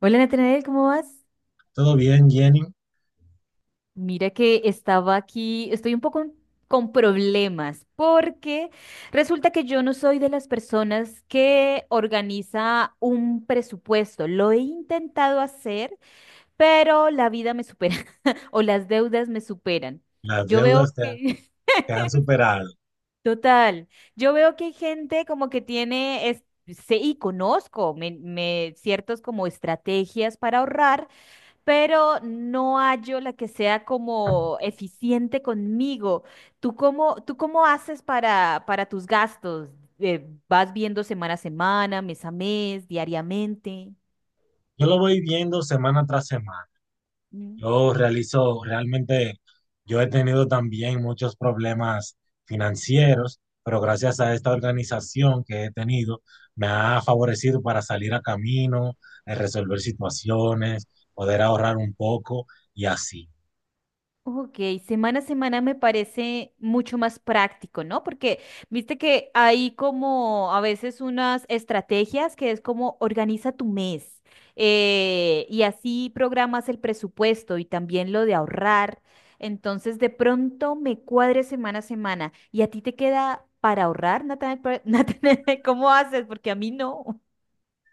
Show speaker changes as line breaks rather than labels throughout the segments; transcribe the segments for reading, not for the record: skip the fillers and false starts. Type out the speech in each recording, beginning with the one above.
Hola Natanael, ¿cómo vas?
Todo bien, Jenny.
Mira que estaba aquí, estoy un poco con problemas porque resulta que yo no soy de las personas que organiza un presupuesto. Lo he intentado hacer, pero la vida me supera o las deudas me superan.
Las
Yo veo
deudas
que,
te han superado.
total, yo veo que hay gente como que tiene, sé y conozco ciertos como estrategias para ahorrar. Pero no hallo la que sea como eficiente conmigo. ¿Tú cómo haces para tus gastos? ¿Vas viendo semana a semana, mes a mes, diariamente?
Yo lo voy viendo semana tras semana.
Mm.
Yo realizo, realmente, yo he tenido también muchos problemas financieros, pero gracias a esta organización que he tenido, me ha favorecido para salir a camino, resolver situaciones, poder ahorrar un poco y así.
Ok, semana a semana me parece mucho más práctico, ¿no? Porque viste que hay como a veces unas estrategias que es como organiza tu mes, y así programas el presupuesto y también lo de ahorrar. Entonces de pronto me cuadre semana a semana y a ti te queda para ahorrar, Natanael. Natanael, ¿cómo haces? Porque a mí no.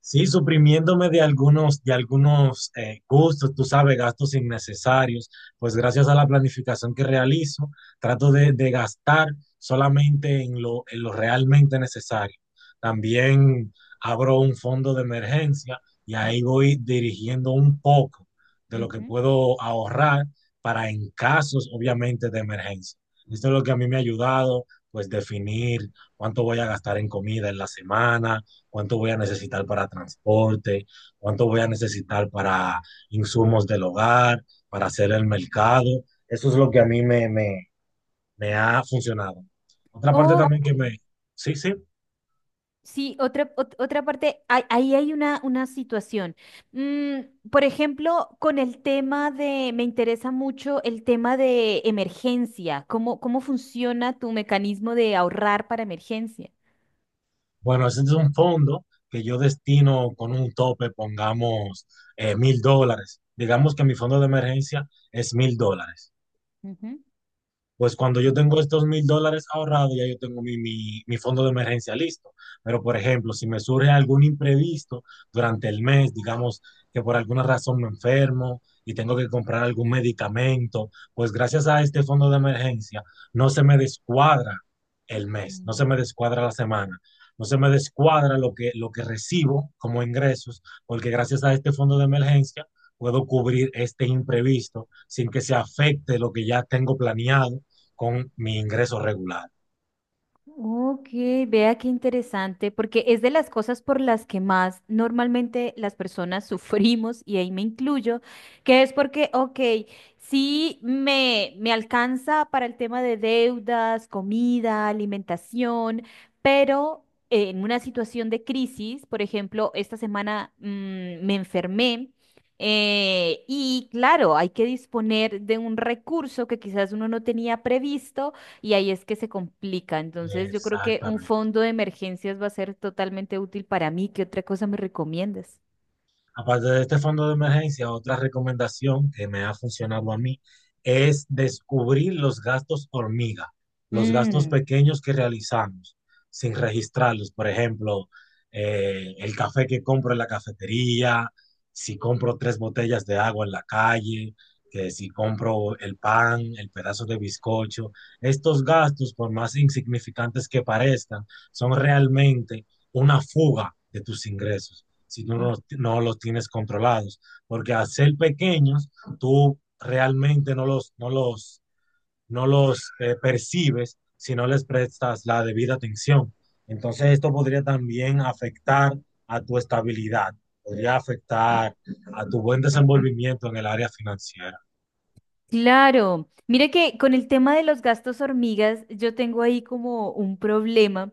Sí, suprimiéndome de algunos gustos, tú sabes, gastos innecesarios, pues gracias a la planificación que realizo, trato de gastar solamente en lo realmente necesario. También abro un fondo de emergencia y ahí voy dirigiendo un poco de lo que
Ujú.
puedo ahorrar para en casos, obviamente, de emergencia. Esto es lo que a mí me ha ayudado, pues definir cuánto voy a gastar en comida en la semana, cuánto voy a necesitar para transporte, cuánto voy a necesitar para insumos del hogar, para hacer el mercado. Eso es lo que a mí me ha funcionado. Otra parte también
Ok.
que me... Sí, sí.
Sí, otra parte, ahí hay una situación. Mm, por ejemplo, con el tema de, me interesa mucho el tema de emergencia. ¿Cómo funciona tu mecanismo de ahorrar para emergencia?
Bueno, ese es un fondo que yo destino con un tope, pongamos $1,000. Digamos que mi fondo de emergencia es $1,000. Pues cuando yo tengo estos $1,000 ahorrados, ya yo tengo mi fondo de emergencia listo. Pero, por ejemplo, si me surge algún imprevisto durante el mes, digamos que por alguna razón me enfermo y tengo que comprar algún medicamento, pues gracias a este fondo de emergencia no se me descuadra el
Ujú.
mes, no se me descuadra la semana, no se me descuadra lo que recibo como ingresos, porque gracias a este fondo de emergencia puedo cubrir este imprevisto sin que se afecte lo que ya tengo planeado con mi ingreso regular.
Ok, vea qué interesante, porque es de las cosas por las que más normalmente las personas sufrimos, y ahí me incluyo, que es porque, ok, sí me alcanza para el tema de deudas, comida, alimentación, pero en una situación de crisis, por ejemplo, esta semana me enfermé. Y claro, hay que disponer de un recurso que quizás uno no tenía previsto, y ahí es que se complica. Entonces, yo creo que un
Exactamente.
fondo de emergencias va a ser totalmente útil para mí. ¿Qué otra cosa me recomiendas?
Aparte de este fondo de emergencia, otra recomendación que me ha funcionado a mí es descubrir los gastos hormiga, los gastos
Mm,
pequeños que realizamos sin registrarlos. Por ejemplo, el café que compro en la cafetería, si compro tres botellas de agua en la calle, que si compro el pan, el pedazo de bizcocho. Estos gastos, por más insignificantes que parezcan, son realmente una fuga de tus ingresos si tú no,
mm,
los- no los tienes controlados. Porque al ser pequeños, tú realmente no los percibes si no les prestas la debida atención. Entonces esto podría también afectar a tu estabilidad, podría afectar a tu buen desenvolvimiento en el área financiera.
claro. Mire que con el tema de los gastos hormigas, yo tengo ahí como un problema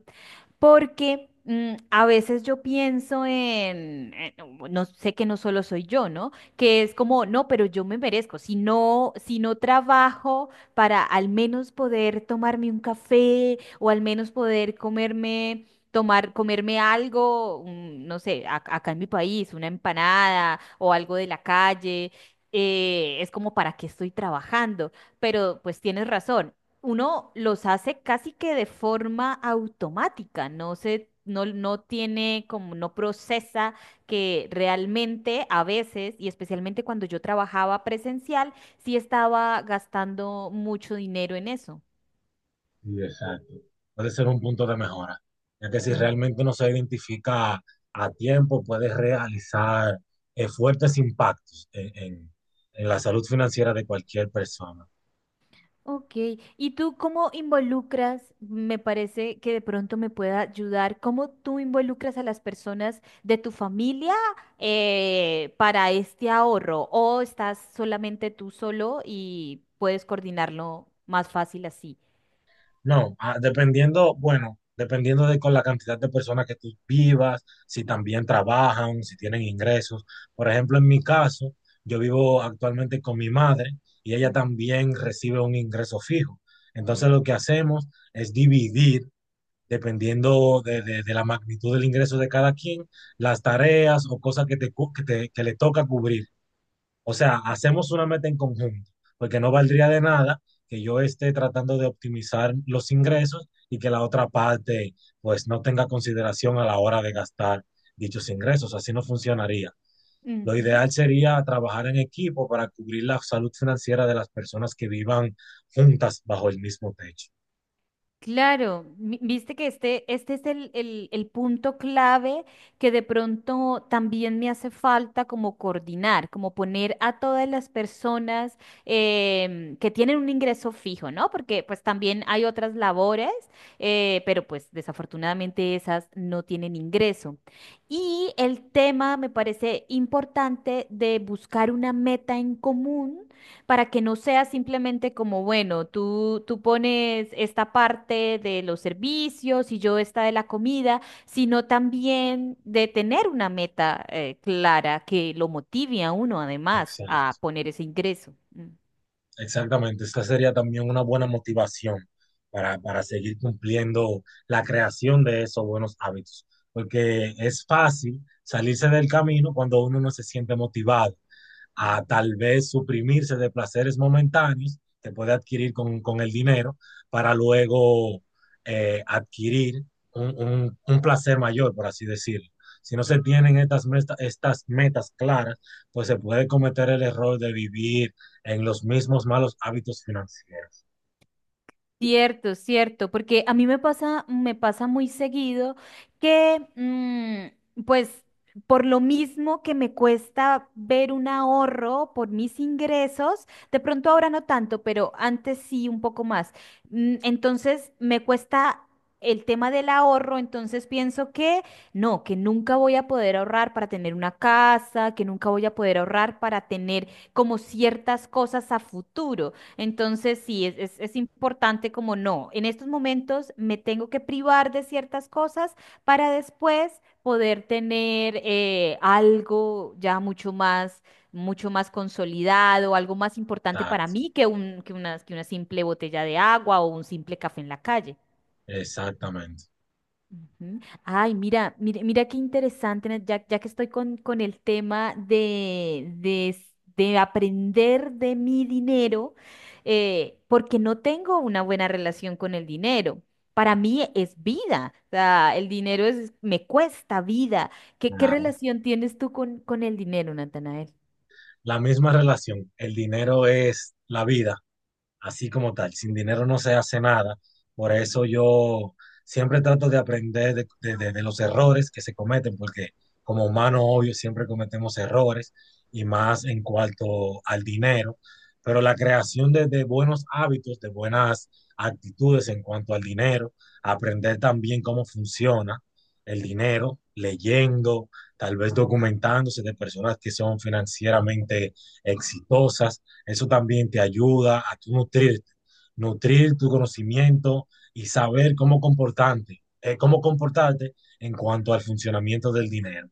porque, a veces yo pienso no, no sé, que no solo soy yo, ¿no? Que es como, no, pero yo me merezco, si no trabajo para al menos poder tomarme un café o al menos poder comerme... tomar, comerme algo, no sé, acá en mi país, una empanada o algo de la calle. Es como, ¿para qué estoy trabajando? Pero pues tienes razón, uno los hace casi que de forma automática, no se, no tiene como, no procesa que realmente a veces, y especialmente cuando yo trabajaba presencial, sí estaba gastando mucho dinero en eso.
Sí, exacto. Puede ser un punto de mejora, ya que si realmente no se identifica a tiempo, puede realizar fuertes impactos en la salud financiera de cualquier persona.
Ok, ¿y tú cómo involucras? Me parece que de pronto me pueda ayudar. ¿Cómo tú involucras a las personas de tu familia, para este ahorro? ¿O estás solamente tú solo y puedes coordinarlo más fácil así?
No, dependiendo, bueno, dependiendo de con la cantidad de personas que tú vivas, si también trabajan, si tienen ingresos. Por ejemplo, en mi caso, yo vivo actualmente con mi madre y ella
Mm,
también recibe un ingreso fijo. Entonces,
mm.
lo que hacemos es dividir dependiendo de la magnitud del ingreso de cada quien, las tareas o cosas que, te, cu- que, te- que le toca cubrir. O sea, hacemos una meta en conjunto, porque no valdría de nada que yo esté tratando de optimizar los ingresos y que la otra parte pues no tenga consideración a la hora de gastar dichos ingresos. Así no funcionaría. Lo
Ujú.
ideal sería trabajar en equipo para cubrir la salud financiera de las personas que vivan juntas bajo el mismo techo.
Claro, viste que este es el punto clave, que de pronto también me hace falta como coordinar, como poner a todas las personas, que tienen un ingreso fijo, ¿no? Porque pues también hay otras labores, pero pues desafortunadamente esas no tienen ingreso. Y el tema me parece importante de buscar una meta en común para que no sea simplemente como, bueno, tú pones esta parte de los servicios y yo esta de la comida, sino también de tener una meta clara, que lo motive a uno además a
Exacto.
poner ese ingreso. Mm.
Exactamente, esta sería también una buena motivación para seguir cumpliendo la creación de esos buenos hábitos, porque es fácil salirse del camino cuando uno no se siente motivado, a
Ujú.
tal vez suprimirse de placeres momentáneos que puede adquirir con el dinero para luego adquirir placer mayor, por así decirlo. Si no se tienen estas metas claras, pues se puede cometer el error de vivir en los mismos malos hábitos financieros.
Cierto, cierto, porque a mí me pasa muy seguido que, pues, por lo mismo que me cuesta ver un ahorro por mis ingresos, de pronto ahora no tanto, pero antes sí un poco más. Mm, entonces me cuesta el tema del ahorro, entonces pienso que no, que nunca voy a poder ahorrar para tener una casa, que nunca voy a poder ahorrar para tener como ciertas cosas a futuro. Entonces, sí, es importante, como, no. En estos momentos me tengo que privar de ciertas cosas para después poder tener, algo ya mucho más consolidado, algo más importante para
Tax,
mí que que una simple botella de agua o un simple café en la calle.
exactamente.
Ujú. Ay, mira, mira, mira qué interesante, Nat, ya, ya que estoy con el tema de, de aprender de mi dinero, porque no tengo una buena relación con el dinero. Para mí es vida, o sea, el dinero es, me cuesta vida. ¿Qué
Claro.
relación tienes tú con el dinero, Natanael?
La misma relación, el dinero es la vida así como tal. Sin dinero no se hace nada. Por eso yo siempre trato de aprender de los errores que se cometen, porque como humanos, obvio, siempre cometemos errores y más en cuanto al dinero. Pero la creación de buenos hábitos, de buenas actitudes en cuanto al dinero, aprender también cómo funciona el dinero, leyendo, tal vez documentándose de personas que son financieramente exitosas, eso también te ayuda a tú nutrirte, nutrir tu conocimiento y saber cómo comportarte en cuanto al funcionamiento del dinero.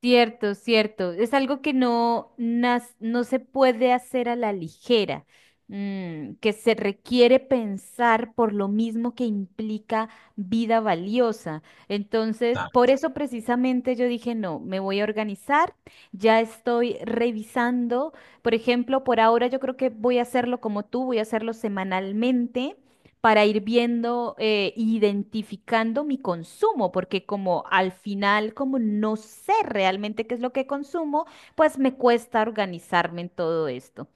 Cierto, cierto. Es algo que no, no se puede hacer a la ligera, mm, que se requiere pensar por lo mismo que implica vida valiosa. Entonces,
Tal.
por eso precisamente yo dije, no, me voy a organizar, ya estoy revisando. Por ejemplo, por ahora yo creo que voy a hacerlo como tú, voy a hacerlo semanalmente para ir viendo, identificando mi consumo, porque como al final, como no sé realmente qué es lo que consumo, pues me cuesta organizarme en todo esto.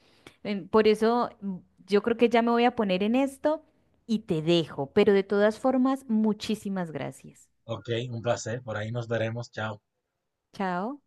Por eso, yo creo que ya me voy a poner en esto y te dejo, pero de todas formas, muchísimas gracias.
Ok, un placer. Por ahí nos veremos. Chao.
Chao.